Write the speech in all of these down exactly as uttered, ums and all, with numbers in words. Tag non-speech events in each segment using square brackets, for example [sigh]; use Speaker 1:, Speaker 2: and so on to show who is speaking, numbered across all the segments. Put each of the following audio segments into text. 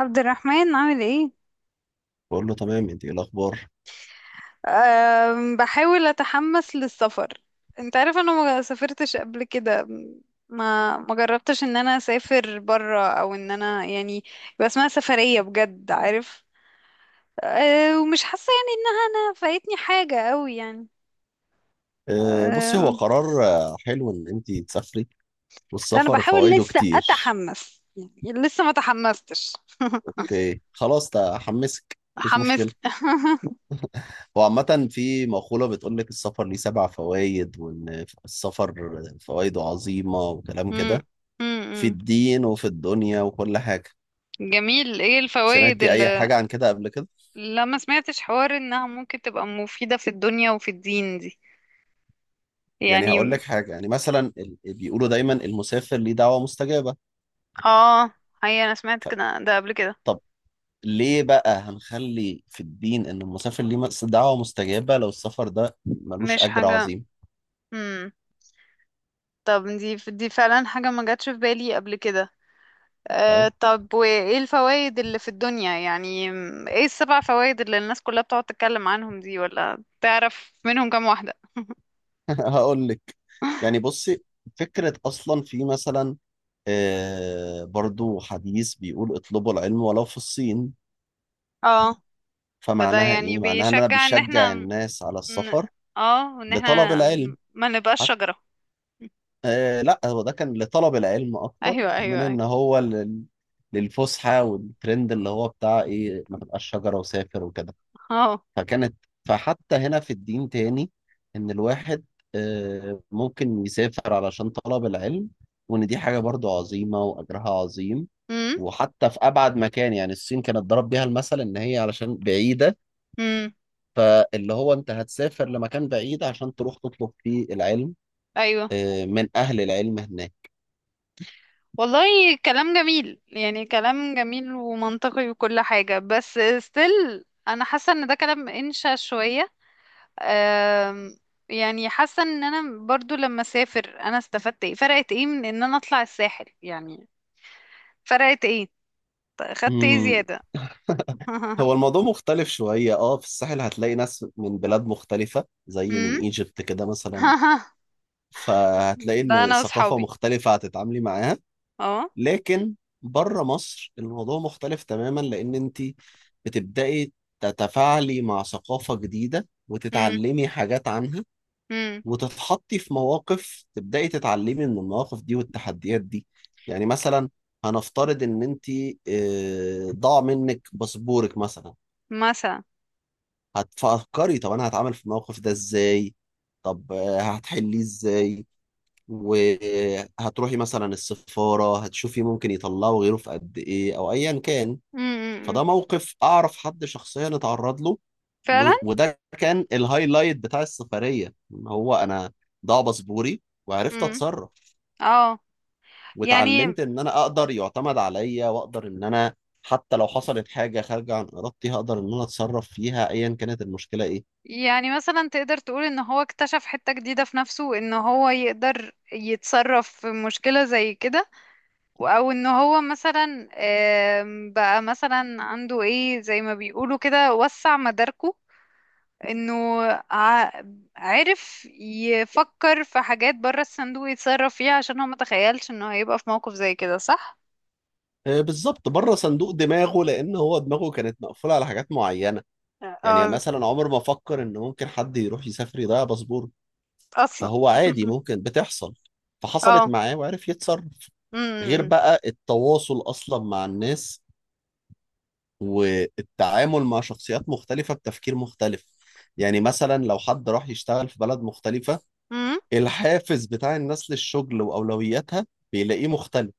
Speaker 1: عبد الرحمن، عامل ايه؟
Speaker 2: بقول له تمام، انت ايه الاخبار؟
Speaker 1: أم بحاول اتحمس للسفر. انت عارف انا ما سافرتش قبل كده. ما ما جربتش ان انا اسافر برا او ان انا يعني يبقى اسمها سفرية بجد، عارف؟ أه، ومش حاسة ان انا فايتني حاجة قوي يعني.
Speaker 2: آه، بصي، هو
Speaker 1: أه.
Speaker 2: قرار آه، حلو ان انت تسافري.
Speaker 1: لا، انا
Speaker 2: والسفر
Speaker 1: بحاول
Speaker 2: فوائده
Speaker 1: لسه
Speaker 2: كتير.
Speaker 1: اتحمس يعني لسه ما تحمستش [laughs]
Speaker 2: اوكي خلاص، ده حمسك، مفيش مشكله.
Speaker 1: حمسني [laughs]
Speaker 2: هو عامه في مقوله بتقول لك السفر ليه سبع فوائد، وان السفر فوائده عظيمه وكلام
Speaker 1: مم،
Speaker 2: كده،
Speaker 1: مم،
Speaker 2: في
Speaker 1: مم.
Speaker 2: الدين وفي الدنيا وكل حاجه.
Speaker 1: جميل، ايه الفوائد؟
Speaker 2: سمعتي اي حاجه عن كده قبل كده؟
Speaker 1: لا، ما سمعتش حوار انها ممكن تبقى مفيدة في الدنيا وفي الدين دي
Speaker 2: يعني
Speaker 1: يعني.
Speaker 2: هقول لك حاجه، يعني مثلا ال- بيقولوا دايما المسافر ليه دعوه مستجابه.
Speaker 1: اه، هي انا سمعت
Speaker 2: ف-
Speaker 1: كده ده قبل كده.
Speaker 2: طب ليه بقى هنخلي في الدين ان المسافر ليه مس- دعوة مستجابة لو السفر ده ملوش
Speaker 1: مش
Speaker 2: اجر
Speaker 1: حاجة.
Speaker 2: عظيم؟
Speaker 1: امم. طب، دي دي فعلا حاجة ما جاتش في بالي قبل كده.
Speaker 2: طيب
Speaker 1: آه، طب وايه الفوائد اللي في الدنيا يعني م، ايه السبع فوائد اللي الناس كلها بتقعد تتكلم عنهم دي، ولا تعرف منهم كام واحدة؟
Speaker 2: [laughs] هقول لك.
Speaker 1: [laughs]
Speaker 2: يعني بصي، فكرة اصلا في مثلا آه برضو حديث بيقول اطلبوا العلم ولو في الصين.
Speaker 1: اه، فده
Speaker 2: فمعناها
Speaker 1: يعني
Speaker 2: ايه؟ معناها ان انا
Speaker 1: بيشجع ان احنا
Speaker 2: بشجع الناس على
Speaker 1: ن-
Speaker 2: السفر
Speaker 1: اه وان
Speaker 2: لطلب
Speaker 1: احنا
Speaker 2: العلم
Speaker 1: ما نبقاش
Speaker 2: حتى.
Speaker 1: شجرة. [laughs]
Speaker 2: آه لا، هو ده كان لطلب العلم
Speaker 1: ايوه،
Speaker 2: اكتر من
Speaker 1: ايوه، ايوه.
Speaker 2: ان هو لل... للفسحة والترند اللي هو بتاع ايه، ما تبقاش شجرة وسافر وكده.
Speaker 1: اه.
Speaker 2: فكانت، فحتى هنا في الدين تاني، ان الواحد آه، ممكن يسافر علشان طلب العلم، وان دي حاجة برضو عظيمة واجرها عظيم. وحتى في ابعد مكان، يعني الصين كانت ضرب بيها المثل ان هي علشان بعيدة،
Speaker 1: امم.
Speaker 2: فاللي هو انت هتسافر لمكان بعيد عشان تروح تطلب فيه العلم
Speaker 1: ايوه،
Speaker 2: آه، من اهل العلم هناك.
Speaker 1: والله كلام جميل يعني كلام جميل ومنطقي وكل حاجة، بس still انا حاسة ان ده كلام انشا شوية. أم يعني حاسة ان انا برضو لما اسافر انا استفدت ايه، فرقت ايه من ان انا اطلع الساحل يعني؟ فرقت ايه؟ ط- خدت ايه
Speaker 2: مم،
Speaker 1: زيادة؟ [laughs]
Speaker 2: هو الموضوع مختلف شوية، اه في الساحل هتلاقي ناس من بلاد مختلفة زي من
Speaker 1: امم.
Speaker 2: ايجيبت كده مثلا،
Speaker 1: [laughs]
Speaker 2: فهتلاقي
Speaker 1: ده
Speaker 2: ان
Speaker 1: انا
Speaker 2: ثقافة
Speaker 1: وصحابي.
Speaker 2: مختلفة هتتعاملي معاها.
Speaker 1: اه.
Speaker 2: لكن بره مصر الموضوع مختلف تماما، لان انت بتبدأي تتفاعلي مع ثقافة جديدة
Speaker 1: امم.
Speaker 2: وتتعلمي حاجات عنها،
Speaker 1: امم.
Speaker 2: وتتحطي في مواقف تبدأي تتعلمي من المواقف دي والتحديات دي. يعني مثلا هنفترض ان انت آه، ضاع منك باسبورك مثلا.
Speaker 1: مثلا.
Speaker 2: هتفكري طب انا هتعامل في الموقف ده ازاي؟ طب آه، هتحليه ازاي؟ وهتروحي مثلا السفارة هتشوفي ممكن يطلعوا غيره في قد إيه أو أيا كان.
Speaker 1: امم. أمم.
Speaker 2: فده موقف أعرف حد شخصيا اتعرض له،
Speaker 1: فعلا.
Speaker 2: و- وده كان الهايلايت بتاع السفرية إن هو أنا ضاع باسبوري وعرفت
Speaker 1: امم.
Speaker 2: أتصرف.
Speaker 1: اه. يعني
Speaker 2: واتعلمت إن أنا أقدر يعتمد عليا، وأقدر إن أنا حتى لو حصلت حاجة خارجة عن إرادتي هقدر إن أنا أتصرف فيها أيا كانت المشكلة إيه.
Speaker 1: يعني مثلا تقدر تقول ان هو اكتشف حتة جديدة في نفسه، ان هو يقدر يتصرف في مشكلة زي كده و- او ان هو مثلا آم، بقى مثلا عنده ايه زي ما بيقولوا كده، وسع مداركه، انه ع- عرف يفكر في حاجات بره الصندوق يتصرف فيها عشان هو متخيلش انه هيبقى في موقف زي كده، صح؟
Speaker 2: آه، بالظبط، بره صندوق دماغه، لأن هو دماغه كانت مقفولة على حاجات معينة. يعني
Speaker 1: اه،
Speaker 2: مثلا عمر ما فكر ان ممكن حد يروح يسافر يضيع باسبوره.
Speaker 1: اصلا
Speaker 2: فهو عادي
Speaker 1: [laughs]
Speaker 2: ممكن بتحصل، فحصلت
Speaker 1: اه.
Speaker 2: معاه وعرف يتصرف. غير
Speaker 1: امم.
Speaker 2: بقى التواصل اصلا مع الناس، والتعامل مع شخصيات مختلفة بتفكير مختلف. يعني مثلا لو حد راح يشتغل في بلد مختلفة،
Speaker 1: امم.
Speaker 2: الحافز بتاع الناس للشغل واولوياتها بيلاقيه مختلف.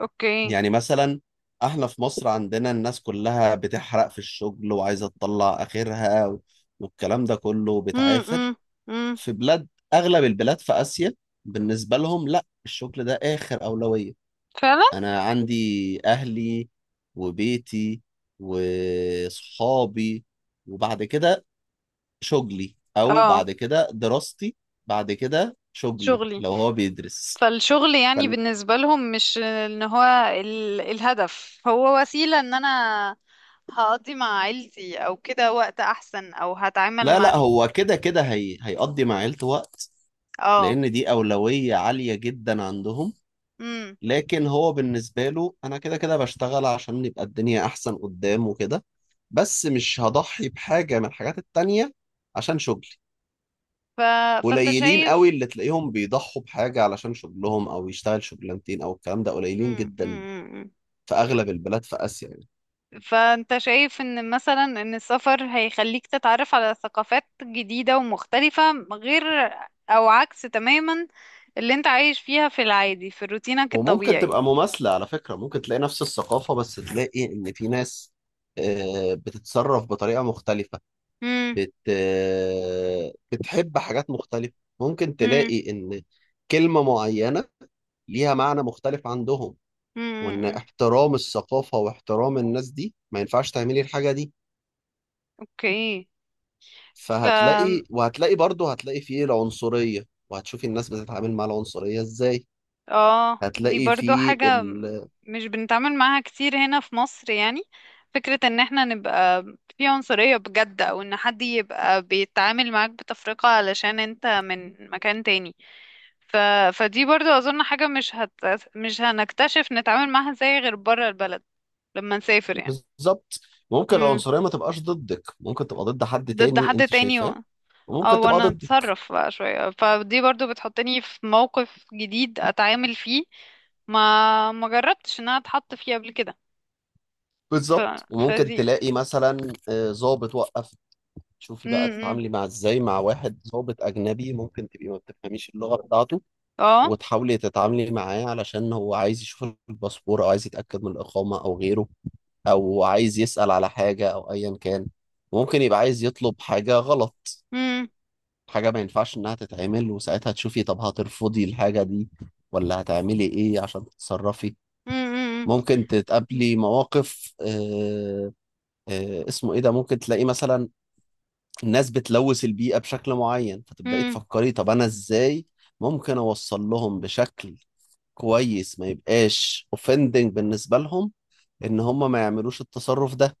Speaker 1: اوكي.
Speaker 2: يعني مثلا احنا في مصر عندنا الناس كلها بتحرق في الشغل وعايزة تطلع اخرها، والكلام ده كله
Speaker 1: امم.
Speaker 2: بتعافر.
Speaker 1: امم.
Speaker 2: في بلاد، اغلب البلاد في اسيا، بالنسبه لهم لا، الشغل ده اخر اولويه.
Speaker 1: فعلا.
Speaker 2: انا عندي اهلي وبيتي وصحابي، وبعد كده شغلي او
Speaker 1: اه.
Speaker 2: بعد كده دراستي، بعد كده شغلي
Speaker 1: شغلي.
Speaker 2: لو هو بيدرس.
Speaker 1: فالشغل يعني
Speaker 2: فن-
Speaker 1: بالنسبة لهم مش ان هو ال... الهدف هو وسيلة ان انا هقضي مع عيلتي او كده وقت احسن، او هتعامل
Speaker 2: لا
Speaker 1: مع...
Speaker 2: لا، هو كده كده هي... هيقضي مع عيلته وقت،
Speaker 1: اه.
Speaker 2: لان دي اولويه عاليه جدا عندهم.
Speaker 1: امم.
Speaker 2: لكن هو بالنسبة له، أنا كده كده بشتغل عشان يبقى الدنيا أحسن قدام وكده، بس مش هضحي بحاجة من الحاجات التانية عشان شغلي.
Speaker 1: ف... فانت
Speaker 2: قليلين قوي
Speaker 1: شايف.
Speaker 2: اللي تلاقيهم بيضحوا بحاجة علشان شغلهم، أو يشتغل شغلانتين أو الكلام ده، قليلين
Speaker 1: امم.
Speaker 2: جدا
Speaker 1: امم.
Speaker 2: في أغلب البلاد في آسيا يعني.
Speaker 1: فانت شايف ان مثلا ان السفر هيخليك تتعرف على ثقافات جديدة ومختلفة، غير او عكس تماما اللي انت عايش فيها في العادي في روتينك
Speaker 2: وممكن
Speaker 1: الطبيعي.
Speaker 2: تبقى مماثلة على فكرة، ممكن تلاقي نفس الثقافة بس تلاقي إن في ناس آه، بتتصرف بطريقة مختلفة،
Speaker 1: امم.
Speaker 2: بت بتحب حاجات مختلفة. ممكن
Speaker 1: امم.
Speaker 2: تلاقي إن كلمة معينة ليها معنى مختلف عندهم، وإن
Speaker 1: امم.
Speaker 2: احترام الثقافة واحترام الناس دي ما ينفعش تعملي الحاجة دي.
Speaker 1: اوكي. ف
Speaker 2: فهتلاقي وهتلاقي برضه هتلاقي فيه العنصرية، وهتشوفي الناس بتتعامل مع العنصرية إزاي.
Speaker 1: اه دي
Speaker 2: هتلاقي
Speaker 1: برضو
Speaker 2: فيه
Speaker 1: حاجة
Speaker 2: ال...
Speaker 1: مش بنتعامل معاها كتير هنا في مصر يعني، فكرة ان احنا نبقى في عنصرية بجد، او ان حد يبقى بيتعامل معاك بتفرقة علشان انت من مكان تاني. ف... فدي برضو اظن حاجة مش هت... مش هنكتشف نتعامل معاها ازاي غير برا البلد، لما نسافر يعني.
Speaker 2: بالظبط، ممكن
Speaker 1: مم.
Speaker 2: العنصرية ما تبقاش ضدك، ممكن تبقى ضد حد
Speaker 1: ضد
Speaker 2: تاني
Speaker 1: حد
Speaker 2: أنت
Speaker 1: تاني.
Speaker 2: شايفاه،
Speaker 1: اه،
Speaker 2: وممكن تبقى
Speaker 1: وانا
Speaker 2: ضدك.
Speaker 1: اتصرف بقى شوية، فدي برضو بتحطني في موقف جديد اتعامل فيه ما ما جربتش ان انا اتحط فيه قبل كده. ف...
Speaker 2: بالظبط، وممكن
Speaker 1: فدي.
Speaker 2: تلاقي مثلا آه، ظابط وقف. شوفي بقى
Speaker 1: امم.
Speaker 2: تتعاملي مع ازاي مع واحد ضابط اجنبي، ممكن تبقي ما بتفهميش اللغه بتاعته،
Speaker 1: اه.
Speaker 2: وتحاولي تتعاملي معاه علشان هو عايز يشوف الباسبور او عايز يتاكد من الاقامه او غيره، او عايز يسال على حاجه او ايا كان. ممكن يبقى عايز يطلب حاجه غلط،
Speaker 1: امم.
Speaker 2: حاجه ما ينفعش انها تتعمل، وساعتها تشوفي طب هترفضي الحاجه دي ولا هتعملي ايه عشان تتصرفي.
Speaker 1: امم.
Speaker 2: ممكن تتقابلي مواقف آه آه اسمه ايه ده، ممكن تلاقيه مثلا الناس بتلوث البيئة بشكل معين، فتبدأي
Speaker 1: امم.
Speaker 2: تفكري طب أنا إزاي ممكن أوصل لهم بشكل كويس ما يبقاش اوفندنج بالنسبة لهم، إن هم ما يعملوش التصرف ده.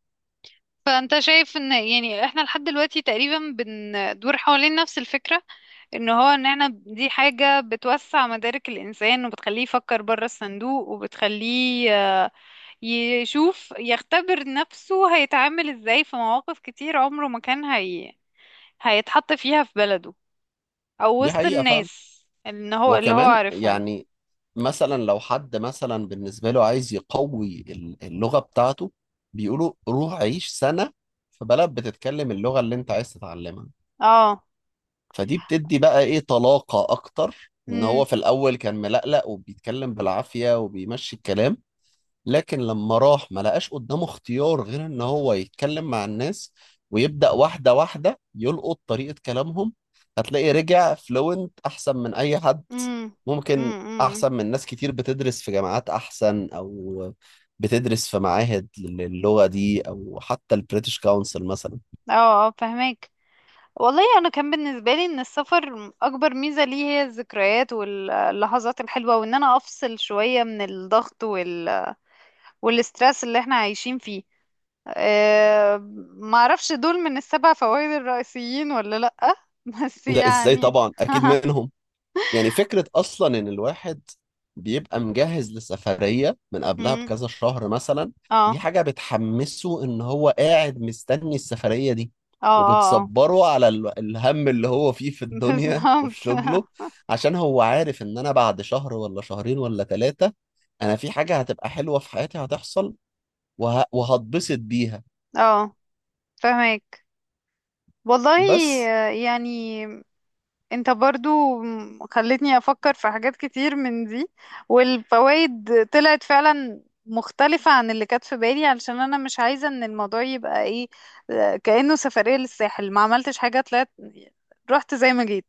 Speaker 1: فانت شايف ان يعني احنا لحد دلوقتي تقريبا بندور حوالين نفس الفكرة، ان هو ان احنا دي حاجة بتوسع مدارك الانسان وبتخليه يفكر بره الصندوق، وبتخليه يشوف يختبر نفسه هيتعامل ازاي في مواقف كتير عمره ما كان هي هيتحط فيها في بلده، او
Speaker 2: دي
Speaker 1: وسط
Speaker 2: حقيقة فعلا.
Speaker 1: الناس ان هو اللي هو
Speaker 2: وكمان
Speaker 1: عارفهم.
Speaker 2: يعني مثلا لو حد مثلا بالنسبة له عايز يقوي ال- اللغة بتاعته، بيقولوا روح عيش سنة في بلد بتتكلم اللغة اللي أنت عايز تتعلمها،
Speaker 1: اه.
Speaker 2: فدي بتدي بقى إيه طلاقة أكتر، إن
Speaker 1: امم.
Speaker 2: هو في الأول كان ملقلق وبيتكلم بالعافية وبيمشي الكلام، لكن لما راح ما لقاش قدامه اختيار غير ان هو يتكلم مع الناس، ويبدأ واحدة واحدة يلقط طريقة كلامهم، هتلاقي رجع فلوينت احسن من اي حد.
Speaker 1: امم.
Speaker 2: ممكن
Speaker 1: امم.
Speaker 2: احسن من ناس كتير بتدرس في جامعات احسن، او بتدرس في معاهد للغة دي، او حتى البريتش كونسل مثلا.
Speaker 1: اه. اه، فهمك. والله انا كان بالنسبه لي ان السفر اكبر ميزه ليه هي الذكريات واللحظات الحلوه، وان انا افصل شويه من الضغط وال... والاسترس اللي احنا عايشين فيه. أه، ما اعرفش دول من السبع فوائد الرئيسيين ولا لأ [laughs] بس
Speaker 2: لا ازاي،
Speaker 1: يعني.
Speaker 2: طبعا اكيد منهم. يعني فكرة أصلا إن الواحد بيبقى مجهز لسفرية من قبلها
Speaker 1: مم.
Speaker 2: بكذا شهر مثلا، دي
Speaker 1: اه،
Speaker 2: حاجة بتحمسه إن هو قاعد مستني السفرية دي،
Speaker 1: اه، اه، اه
Speaker 2: وبتصبره على ال- الهم اللي هو فيه في
Speaker 1: [laughs]
Speaker 2: الدنيا وفي
Speaker 1: بالظبط.
Speaker 2: شغله، عشان هو عارف إن أنا بعد شهر ولا شهرين ولا ثلاثة أنا في حاجة هتبقى حلوة في حياتي هتحصل وه... وهتبسط بيها.
Speaker 1: اه، فهمك والله.
Speaker 2: بس.
Speaker 1: آه، يعني انت برضو خلتني افكر في حاجات كتير من دي، والفوائد طلعت فعلا مختلفة عن اللي كانت في بالي، علشان انا مش عايزة ان الموضوع يبقى ايه، آه، كأنه سفرية للساحل ما عملتش حاجة، طلعت رحت زي ما جيت.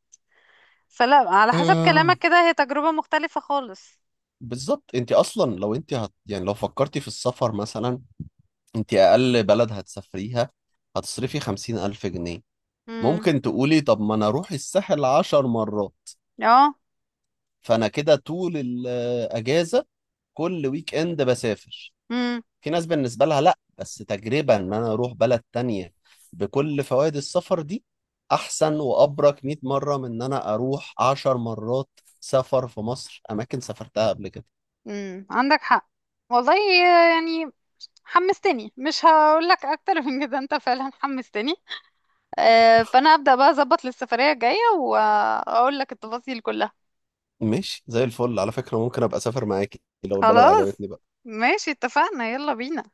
Speaker 1: فلا، على حسب
Speaker 2: أم،
Speaker 1: كلامك كده هي تجربة مختلفة خالص.
Speaker 2: بالظبط، أنت أصلا لو أنت هت... يعني لو فكرتي في السفر مثلا، انت اقل بلد هتسافريها هتصرفي خمسين الف جنيه.
Speaker 1: امم.
Speaker 2: ممكن تقولي طب ما انا اروح الساحل عشر مرات،
Speaker 1: اه.
Speaker 2: فانا كده طول الاجازة كل ويك اند بسافر.
Speaker 1: امم.
Speaker 2: في ناس بالنسبة لها لا، بس تجربة ان انا اروح بلد تانية بكل فوائد السفر دي، احسن وابرك مائة مرة من ان انا اروح عشر مرات سفر في مصر اماكن سافرتها قبل كده.
Speaker 1: امم، عندك حق والله. يعني حمستني، مش هقول لك اكتر من كده، انت فعلا حمستني. آه، فانا ابدا بقى اظبط للسفرية الجاية واقول لك التفاصيل كلها.
Speaker 2: ماشي، زي الفل. على فكرة ممكن ابقى اسافر معاكي لو البلد
Speaker 1: خلاص،
Speaker 2: عجبتني بقى.
Speaker 1: ماشي، اتفقنا، يلا بينا.